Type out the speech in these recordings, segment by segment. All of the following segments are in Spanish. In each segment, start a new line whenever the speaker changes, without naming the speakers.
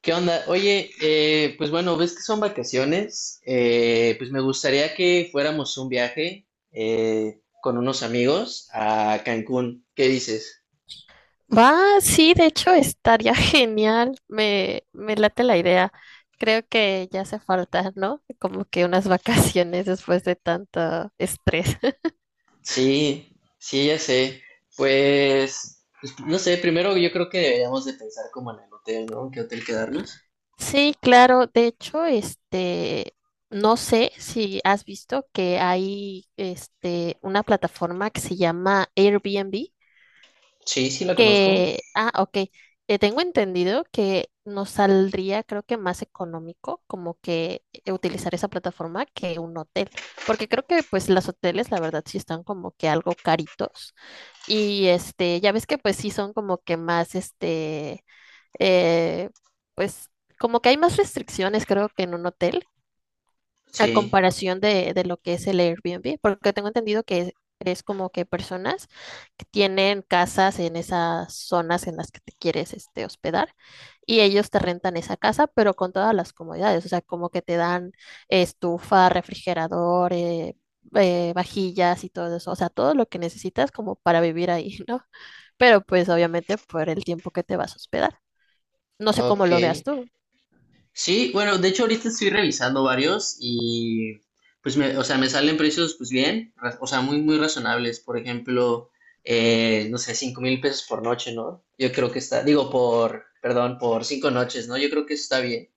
¿Qué onda? Oye, pues bueno, ves que son vacaciones, pues me gustaría que fuéramos un viaje con unos amigos a Cancún. ¿Qué dices?
Va, sí, de hecho estaría genial. Me late la idea. Creo que ya hace falta, ¿no? Como que unas vacaciones después de tanto estrés.
Sí, sí, ya sé. Pues, no sé, primero yo creo que deberíamos de pensar como en el hotel, ¿no? ¿Qué hotel quedarnos?
Sí, claro. De hecho, no sé si has visto que hay, una plataforma que se llama Airbnb.
Sí, sí, la conozco.
Que, ah, ok. Tengo entendido que nos saldría, creo que más económico, como que utilizar esa plataforma que un hotel, porque creo que pues los hoteles, la verdad, sí están como que algo caritos. Y este, ya ves que pues sí son como que más, eh, pues como que hay más restricciones, creo que en un hotel a
Sí,
comparación de lo que es el Airbnb, porque tengo entendido que es como que personas que tienen casas en esas zonas en las que te quieres este, hospedar, y ellos te rentan esa casa, pero con todas las comodidades. O sea, como que te dan estufa, refrigerador, vajillas y todo eso. O sea, todo lo que necesitas como para vivir ahí, ¿no? Pero pues obviamente por el tiempo que te vas a hospedar. No sé cómo
ok.
lo veas tú.
Sí, bueno, de hecho ahorita estoy revisando varios y pues me, o sea, me salen precios pues bien, o sea, muy, muy razonables. Por ejemplo, no sé, 5,000 pesos por noche, ¿no? Yo creo que está, digo, por, perdón, por 5 noches, ¿no? Yo creo que eso está bien.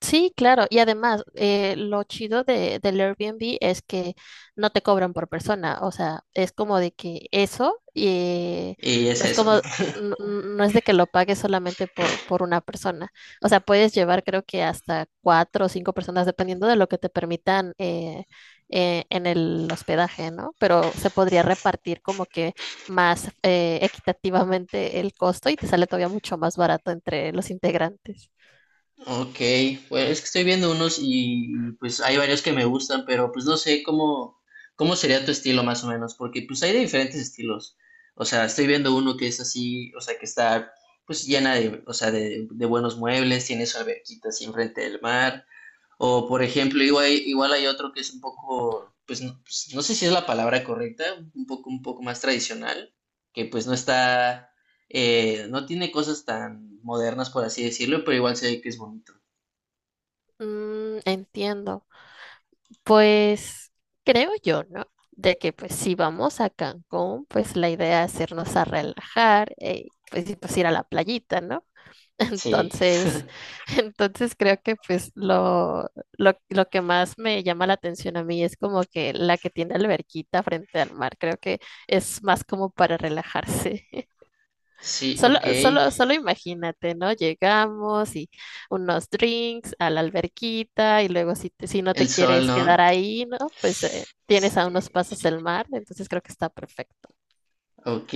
Sí, claro. Y además, lo chido del Airbnb es que no te cobran por persona. O sea, es como de que eso,
Y es
no es
eso,
como,
¿no?
no es de que lo pagues solamente por una persona. O sea, puedes llevar creo que hasta cuatro o cinco personas, dependiendo de lo que te permitan en el hospedaje, ¿no? Pero se podría repartir como que más equitativamente el costo y te sale todavía mucho más barato entre los integrantes.
Ok, pues es que estoy viendo unos y, pues hay varios que me gustan, pero pues no sé cómo sería tu estilo más o menos, porque pues hay de diferentes estilos. O sea, estoy viendo uno que es así, o sea, que está pues llena de, o sea, de buenos muebles, tiene su alberquita así enfrente del mar. O por ejemplo, igual, igual hay otro que es un poco, pues, no sé si es la palabra correcta, un poco más tradicional, que pues no está, no tiene cosas tan modernas, por así decirlo, pero igual se ve que es bonito.
Mm, entiendo. Pues creo yo, ¿no? De que pues si vamos a Cancún, pues la idea es irnos a relajar, pues, y, pues ir a la playita, ¿no?
Sí,
Entonces, entonces creo que pues lo que más me llama la atención a mí es como que la que tiene alberquita frente al mar. Creo que es más como para relajarse.
sí,
Solo,
ok.
solo, solo imagínate, ¿no? Llegamos y unos drinks a la alberquita, y luego si, si no te
El sol,
quieres
¿no?
quedar ahí, ¿no? Pues tienes a unos
Sí.
pasos del mar, entonces creo que está perfecto.
Ok,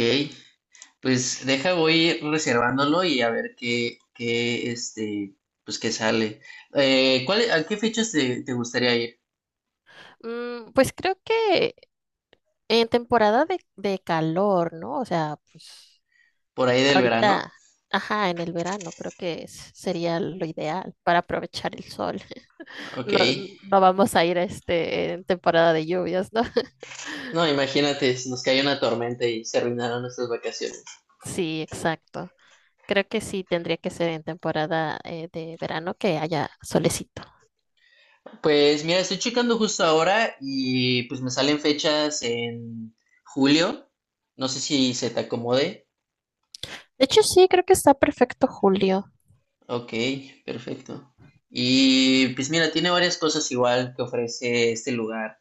pues deja, voy reservándolo y a ver qué, pues qué sale. ¿Cuál, a qué fechas te gustaría ir?
Mm, pues creo que en temporada de calor, ¿no? O sea, pues
¿Por ahí del verano?
ahorita, ajá, en el verano creo que sería lo ideal para aprovechar el sol.
Ok.
No, no vamos a ir este, en temporada de lluvias, ¿no?
No, imagínate, si nos cae una tormenta y se arruinaron nuestras vacaciones.
Sí, exacto. Creo que sí tendría que ser en temporada de verano que haya solecito.
Pues mira, estoy checando justo ahora y pues me salen fechas en julio. No sé si se te acomode.
De hecho, sí, creo que está perfecto julio.
Ok, perfecto. Y pues mira, tiene varias cosas igual que ofrece este lugar.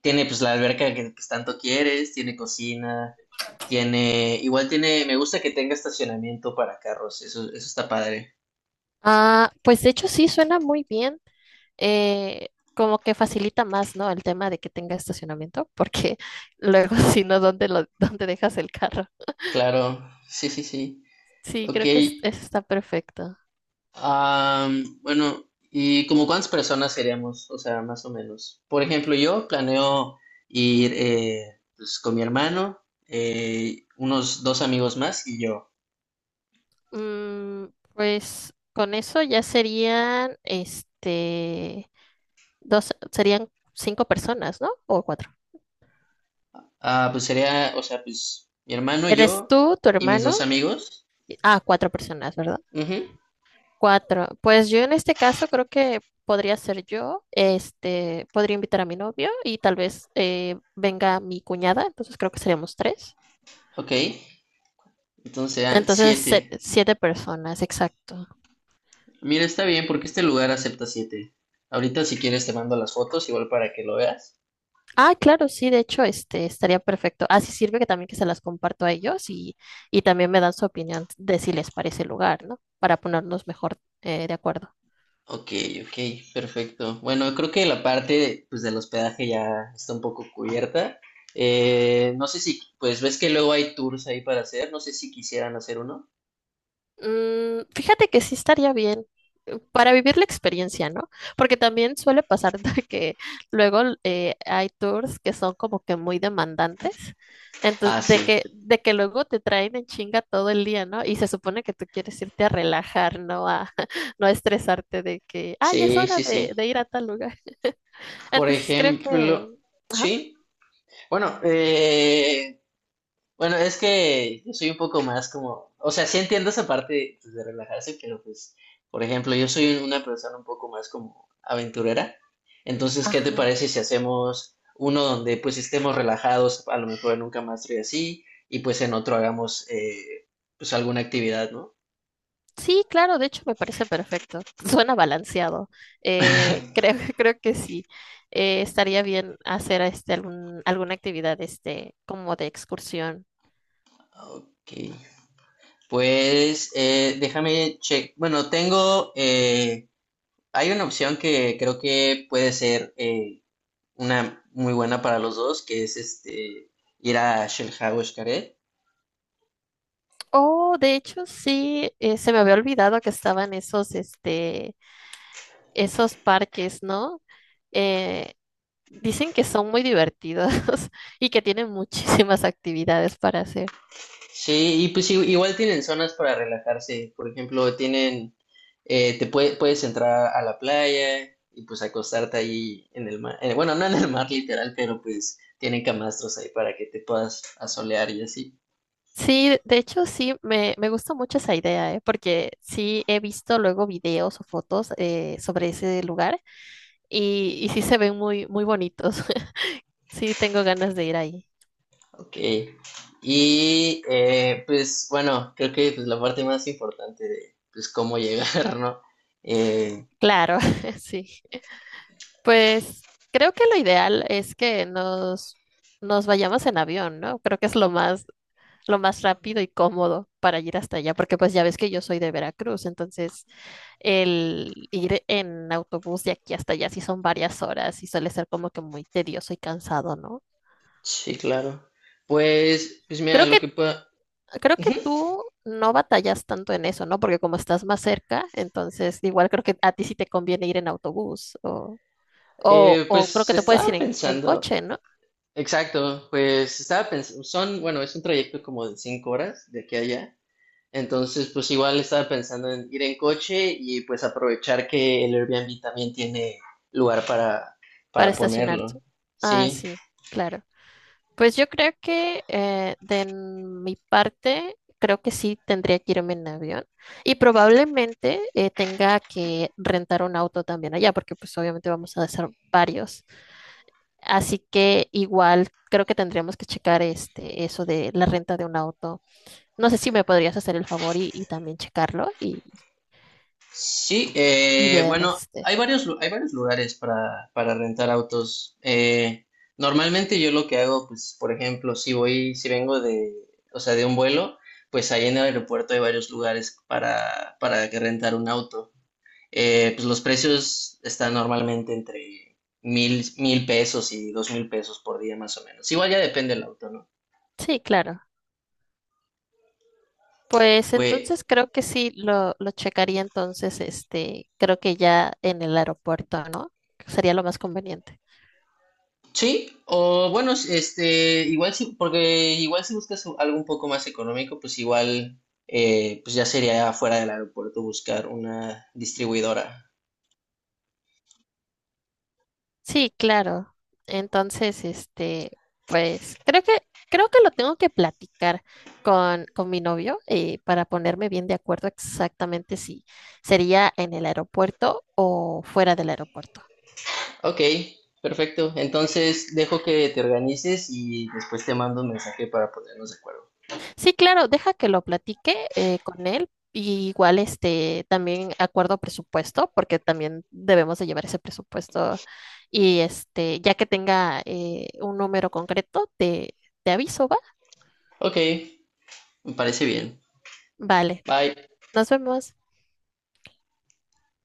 Tiene pues la alberca que pues, tanto quieres, tiene cocina, igual tiene, me gusta que tenga estacionamiento para carros, eso está padre.
Ah, pues de hecho sí, suena muy bien. Como que facilita más, ¿no? El tema de que tenga estacionamiento, porque luego si no, ¿dónde lo, dónde dejas el carro?
Claro, sí, sí, sí.
Sí,
Ok,
creo que eso está perfecto.
bueno, ¿y como cuántas personas seríamos? O sea, más o menos. Por ejemplo, yo planeo ir pues, con mi hermano, unos dos amigos más y yo.
Mm, pues con eso ya serían, dos, serían cinco personas, ¿no? O cuatro.
Ah, pues sería, o sea, pues mi hermano,
Eres
yo
tú, tu
y mis
hermano.
dos amigos.
Ah, cuatro personas, ¿verdad?
Ujú,
Cuatro. Pues yo en este caso creo que podría ser yo, este, podría invitar a mi novio, y tal vez venga mi cuñada, entonces creo que seríamos tres.
ok, entonces serán
Entonces,
siete.
siete personas, exacto.
Mira, está bien porque este lugar acepta siete. Ahorita si quieres te mando las fotos igual para que lo veas.
Ah, claro, sí, de hecho, este, estaría perfecto. Así sirve que también que se las comparto a ellos, y también me dan su opinión de si les parece el lugar, ¿no? Para ponernos mejor de acuerdo.
Ok, ok, perfecto. Bueno, creo que la parte pues del hospedaje ya está un poco cubierta. No sé si, pues ves que luego hay tours ahí para hacer, no sé si quisieran hacer uno.
Mm, fíjate que sí estaría bien para vivir la experiencia, ¿no? Porque también suele pasar de que luego hay tours que son como que muy demandantes,
Ah,
entonces
sí,
de que luego te traen en chinga todo el día, ¿no? Y se supone que tú quieres irte a relajar, no a no a estresarte de que, ah, ya es
sí,
hora
sí,
de
sí.
ir a tal lugar.
Por
Entonces creo que,
ejemplo,
ajá,
sí. Bueno, eh, Bueno, es que yo soy un poco más como, o sea, sí entiendo esa parte pues, de relajarse, pero pues, por ejemplo, yo soy una persona un poco más como aventurera. Entonces, ¿qué te
ajá.
parece si hacemos uno donde pues estemos relajados, a lo mejor en un camastro y así, y pues en otro hagamos pues alguna actividad, ¿no?
Sí, claro, de hecho me parece perfecto. Suena balanceado. Creo, creo que sí. Estaría bien hacer este alguna actividad este, como de excursión.
Ok, pues déjame check. Bueno, hay una opción que creo que puede ser, una muy buena para los dos, que es ir a Shelha o Xcaret.
Oh, de hecho, sí, se me había olvidado que estaban esos, esos parques, ¿no? Eh, Dicen que son muy divertidos y que tienen muchísimas actividades para hacer.
Sí, y pues igual tienen zonas para relajarse. Por ejemplo, tienen, puedes entrar a la playa y pues acostarte ahí en el mar. Bueno, no en el mar literal, pero pues tienen camastros ahí para que te puedas asolear y así.
Sí, de hecho sí, me gusta mucho esa idea, ¿eh? Porque sí he visto luego videos o fotos sobre ese lugar, y sí se ven muy, muy bonitos. Sí, tengo ganas de ir ahí.
Ok. Y pues bueno, creo que pues, la parte más importante de pues cómo llegar, ¿no? Eh,
Claro, sí. Pues creo que lo ideal es que nos vayamos en avión, ¿no? Creo que es lo más rápido y cómodo para ir hasta allá, porque pues ya ves que yo soy de Veracruz, entonces el ir en autobús de aquí hasta allá sí son varias horas y suele ser como que muy tedioso y cansado, ¿no?
Sí, claro. Pues, mira,
Creo que,
lo que puedo,
Creo que tú no batallas tanto en eso, ¿no? Porque como estás más cerca, entonces igual creo que a ti sí te conviene ir en autobús o creo
pues
que te puedes
estaba
ir en
pensando,
coche, ¿no?
exacto, pues estaba pensando, bueno, es un trayecto como de 5 horas de aquí a allá, entonces pues igual estaba pensando en ir en coche y pues aprovechar que el Airbnb también tiene lugar
Para
para
estacionarte.
ponerlo,
Ah,
sí.
sí, claro. Pues yo creo que de mi parte, creo que sí tendría que irme en avión y probablemente tenga que rentar un auto también allá, porque pues obviamente vamos a hacer varios. Así que igual creo que tendríamos que checar este, eso de la renta de un auto. No sé si me podrías hacer el favor y también checarlo
Sí,
y ver
bueno,
este.
hay varios lugares para, rentar autos. Normalmente yo lo que hago, pues, por ejemplo, si vengo de, o sea, de un vuelo, pues ahí en el aeropuerto hay varios lugares para, que rentar un auto. Pues los precios están normalmente entre mil pesos y 2,000 pesos por día más o menos. Igual ya depende del auto, ¿no?
Sí, claro. Pues
Pues
entonces creo que sí lo checaría entonces, este, creo que ya en el aeropuerto, ¿no? Sería lo más conveniente.
sí, o bueno, igual sí, porque igual si buscas algo un poco más económico, pues igual, pues ya sería fuera del aeropuerto buscar una distribuidora.
Sí, claro. Entonces, este, pues creo que lo tengo que platicar con mi novio para ponerme bien de acuerdo exactamente si sería en el aeropuerto o fuera del aeropuerto.
Ok, perfecto. Entonces dejo que te organices y después te mando un mensaje para ponernos de acuerdo.
Sí, claro, deja que lo platique con él. Y igual, este, también acuerdo presupuesto, porque también debemos de llevar ese presupuesto. Y este, ya que tenga un número concreto, te aviso, ¿va?
Ok, me parece bien.
Vale,
Bye.
nos vemos.